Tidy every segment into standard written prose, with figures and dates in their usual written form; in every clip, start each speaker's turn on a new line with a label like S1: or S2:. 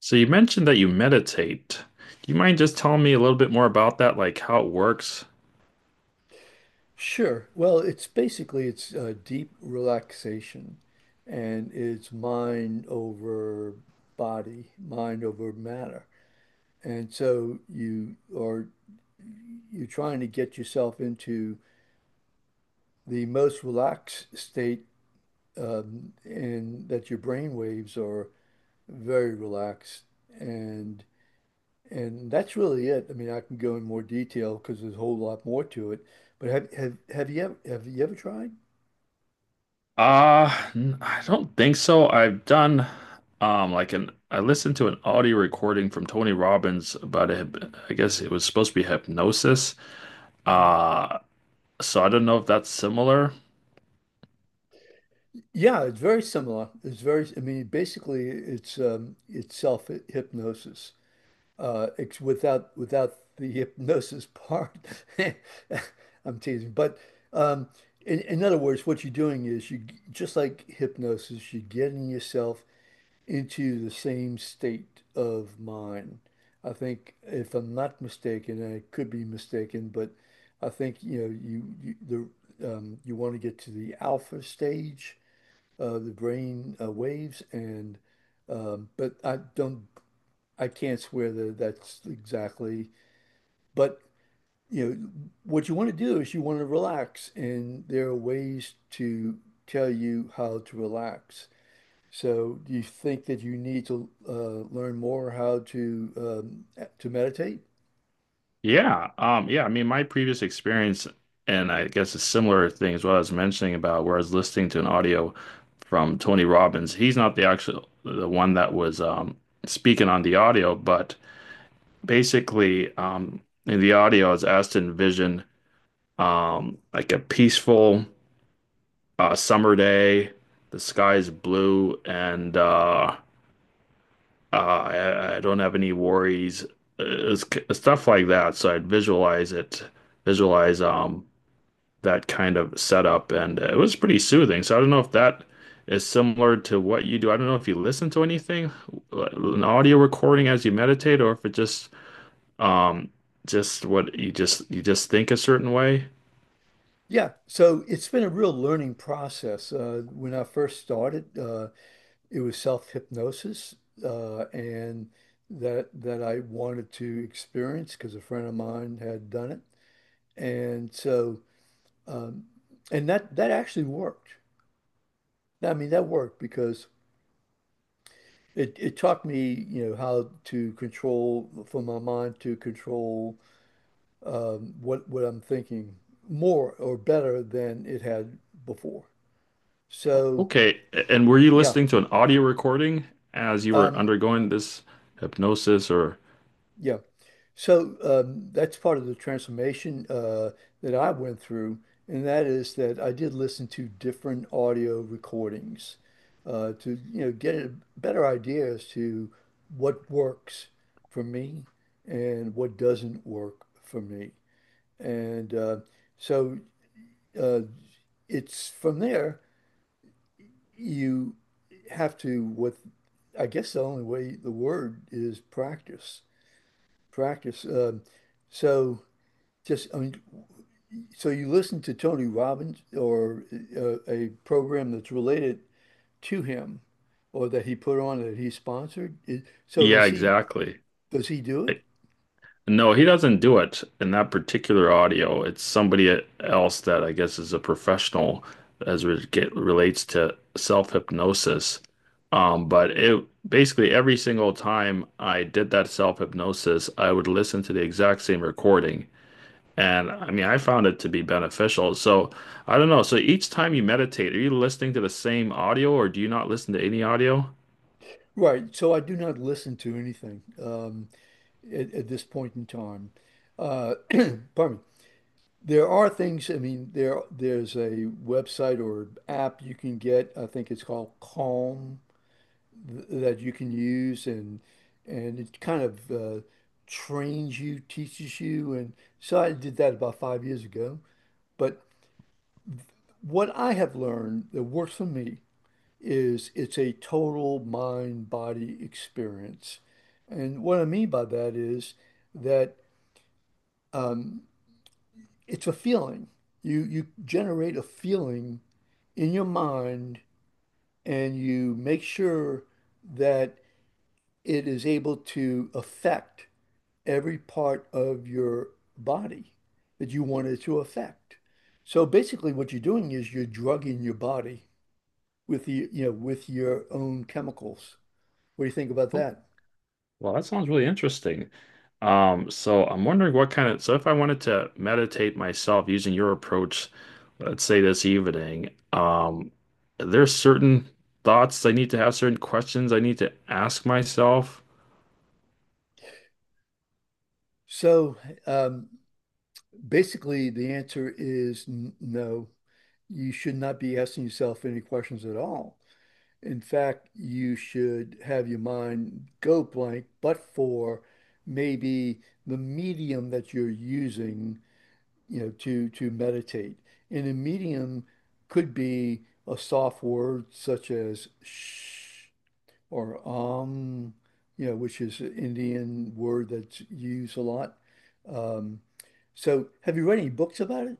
S1: So you mentioned that you meditate. Do you mind just telling me a little bit more about that, like how it works?
S2: Sure. Well, it's basically it's deep relaxation, and it's mind over body, mind over matter. And so you're trying to get yourself into the most relaxed state, and that your brain waves are very relaxed, and and that's really it. I mean, I can go in more detail because there's a whole lot more to it. But have you ever tried?
S1: I don't think so. I've done like an I listened to an audio recording from Tony Robbins about a, I guess it was supposed to be hypnosis.
S2: Mm-hmm.
S1: Uh, so I don't know if that's similar.
S2: Yeah, it's very similar. It's very, I mean, basically it's self hypnosis. It's without the hypnosis part. I'm teasing. But um in other words, what you're doing is you, just like hypnosis, you're getting yourself into the same state of mind. I think, if I'm not mistaken, and I could be mistaken, but I think, you know, you the you want to get to the alpha stage, the brain waves, and but I can't swear that that's exactly, but you know what you want to do is you want to relax, and there are ways to tell you how to relax. So do you think that you need to learn more how to meditate?
S1: Yeah. I mean, my previous experience, and I guess a similar thing as well. I was mentioning about where I was listening to an audio from Tony Robbins. He's not the one that was speaking on the audio, but basically, in the audio, I was asked to envision like a peaceful summer day. The sky is blue, and I don't have any worries. It's, Stuff like that. So I'd visualize that kind of setup, and it was pretty soothing. So I don't know if that is similar to what you do. I don't know if you listen to anything, an audio recording as you meditate, or if it um just what you just think a certain way.
S2: Yeah, so it's been a real learning process. When I first started, it was self-hypnosis, and that I wanted to experience because a friend of mine had done it. And so, um, and that that actually worked. I mean that worked because it taught me, you know, how to control, for my mind to control, what I'm thinking more or better than it had before. So
S1: Okay, and were you
S2: yeah.
S1: listening to an audio recording as you were
S2: Um,
S1: undergoing this hypnosis, or
S2: Yeah. That's part of the transformation that I went through, and that is that I did listen to different audio recordings to, you know, get a better idea as to what works for me and what doesn't work for me. And so uh, it's from there you have to, what I guess the only way, the word is practice, practice. So. Just, I mean, so you listen to Tony Robbins or a program that's related to him, or that he put on, that he sponsored?
S1: yeah, exactly.
S2: Does he do it?
S1: No, he doesn't do it in that particular audio. It's somebody else that I guess is a professional as it relates to self-hypnosis. But it basically every single time I did that self-hypnosis, I would listen to the exact same recording. And I mean, I found it to be beneficial. So I don't know. So each time you meditate, are you listening to the same audio or do you not listen to any audio?
S2: Right. So I do not listen to anything at this point in time. Uh, pardon me. There are things, I mean, there's a website or app you can get. I think it's called Calm, th that you can use, and it kind of trains you, teaches you. And so I did that about 5 years ago. But what I have learned that works for me is it's a total mind-body experience. And what I mean by that is that, um, it's a feeling. You generate a feeling in your mind, and you make sure that it is able to affect every part of your body that you want it to affect. So basically, what you're doing is you're drugging your body with the, you know, with your own chemicals. What do you think about that?
S1: Well, that sounds really interesting. So I'm wondering what kind of, so if I wanted to meditate myself using your approach, let's say this evening, there's certain thoughts I need to have, certain questions I need to ask myself.
S2: So, um, basically, the answer is no. You should not be asking yourself any questions at all. In fact, you should have your mind go blank, but for maybe the medium that you're using, you know, to meditate. And a medium could be a soft word such as shh, or you know, which is an Indian word that's used a lot. Um, so have you read any books about it?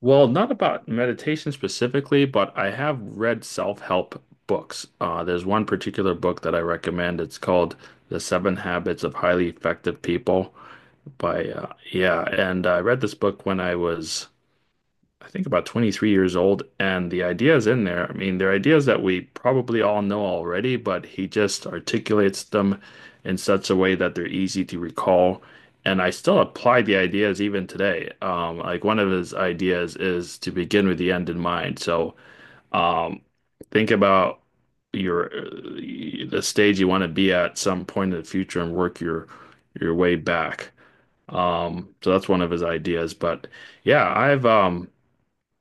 S1: Well, not about meditation specifically, but I have read self-help books. There's one particular book that I recommend. It's called The Seven Habits of Highly Effective People by, yeah, and I read this book when I think about 23 years old, and the ideas in there, I mean, they're ideas that we probably all know already, but he just articulates them in such a way that they're easy to recall. And I still apply the ideas even today. Like one of his ideas is to begin with the end in mind. So, um, think about your the stage you want to be at some point in the future and work your way back. So that's one of his ideas. But yeah,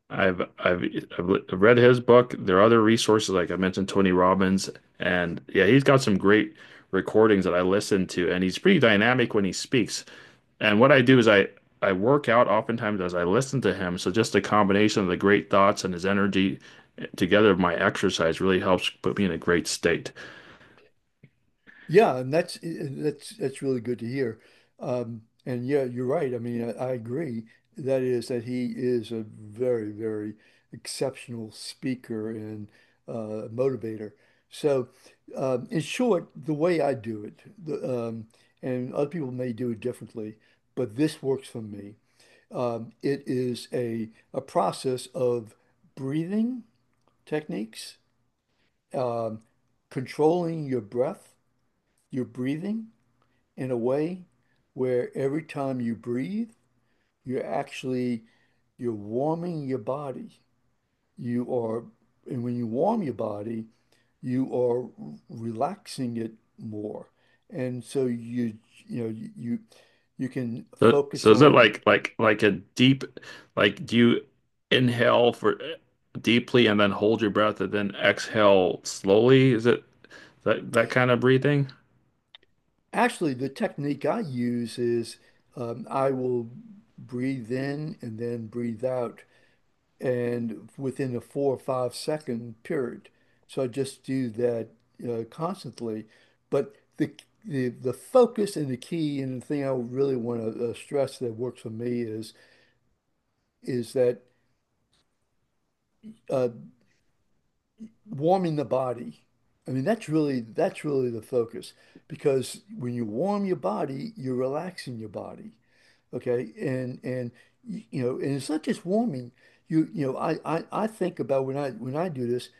S1: I've I've read his book. There are other resources, like I mentioned, Tony Robbins, and yeah, he's got some great recordings that I listen to, and he's pretty dynamic when he speaks. And what I do is I work out oftentimes as I listen to him. So just the combination of the great thoughts and his energy together with my exercise really helps put me in a great state.
S2: Yeah, and that's that's really good to hear. And yeah, you're right. I mean, I agree. That is that he is a very, very exceptional speaker and motivator. So, in short, the way I do it, and other people may do it differently, but this works for me. It is a process of breathing techniques, um, controlling your breath, your breathing, in a way where every time you breathe, you're actually, you're warming your body. You are, and when you warm your body, you are relaxing it more. And so you know you you can
S1: So,
S2: focus
S1: so is it
S2: on,
S1: like a deep, like do you inhale for deeply and then hold your breath and then exhale slowly? Is it that kind of breathing?
S2: actually the technique I use is, I will breathe in and then breathe out, and within a 4 or 5 second period. So I just do that constantly. But the focus and the key and the thing I really want to stress that works for me is that, uh, warming the body. I mean, that's really, that's really the focus, because when you warm your body, you're relaxing your body. Okay, and you know, and it's not just warming. You know, I think about when I, when I do this.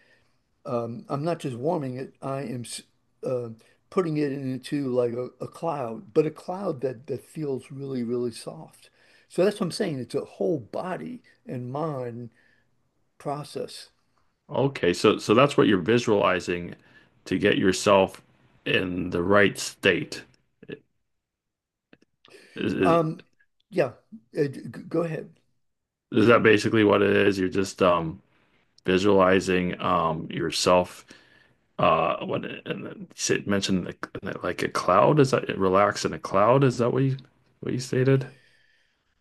S2: Um, I'm not just warming it, I am uh, putting it into like a cloud, but a cloud that, that feels really, really soft. So that's what I'm saying. It's a whole body and mind process.
S1: Okay, so so that's what you're visualizing to get yourself in the right state. Is is,
S2: Um, yeah, uh, g- Go ahead.
S1: is that basically what it is? You're just visualizing yourself what and then you mentioned the, like a cloud. Is that relax in a cloud? Is that what you stated?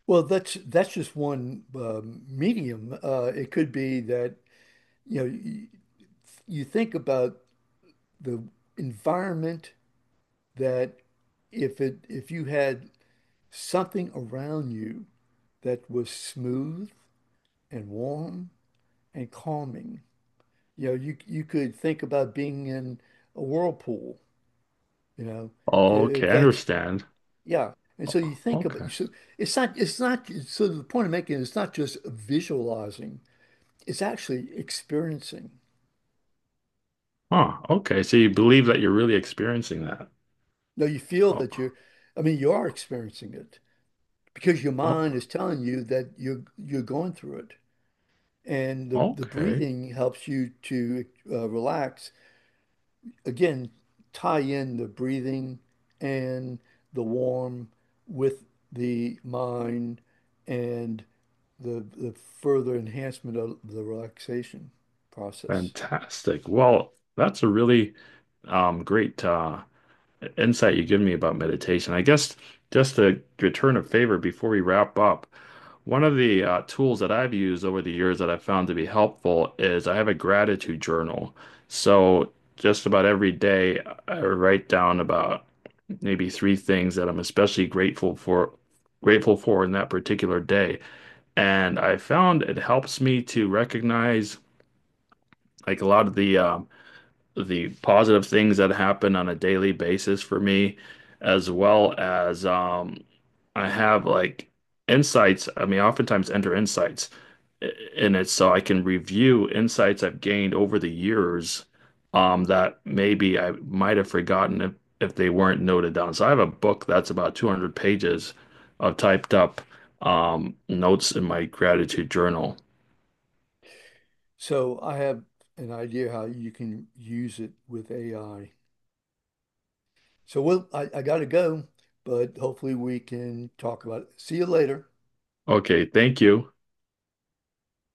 S2: Well, that's just one medium. It could be that, you know, you think about the environment that, if it, if you had something around you that was smooth and warm and calming. You know, you could think about being in a whirlpool, you know,
S1: Okay,
S2: if
S1: I
S2: that's,
S1: understand.
S2: yeah. And so you
S1: O-
S2: think about,
S1: Okay.
S2: so it's not, it's not, so the point I'm making is it's not just visualizing, it's actually experiencing.
S1: Huh. Okay. So you believe that you're really experiencing that.
S2: No, you feel that you're,
S1: Oh,
S2: I mean you are experiencing it because your mind
S1: oh,
S2: is telling you that you're going through it. And the
S1: okay.
S2: breathing helps you to relax, again, tie in the breathing and the warm with the mind and the further enhancement of the relaxation process.
S1: Fantastic. Well, that's a really great insight you give me about meditation. I guess just to return a favor before we wrap up, one of the tools that I've used over the years that I've found to be helpful is I have a gratitude journal. So just about every day, I write down about maybe three things that I'm especially grateful for. Grateful for in that particular day. And I found it helps me to recognize like a lot of the positive things that happen on a daily basis for me, as well as I have like insights. I mean, oftentimes enter insights in it so I can review insights I've gained over the years that maybe I might have forgotten if they weren't noted down. So I have a book that's about 200 pages of typed up notes in my gratitude journal.
S2: So I have an idea how you can use it with AI. So well, I gotta go, but hopefully we can talk about it. See you later.
S1: Okay, thank you.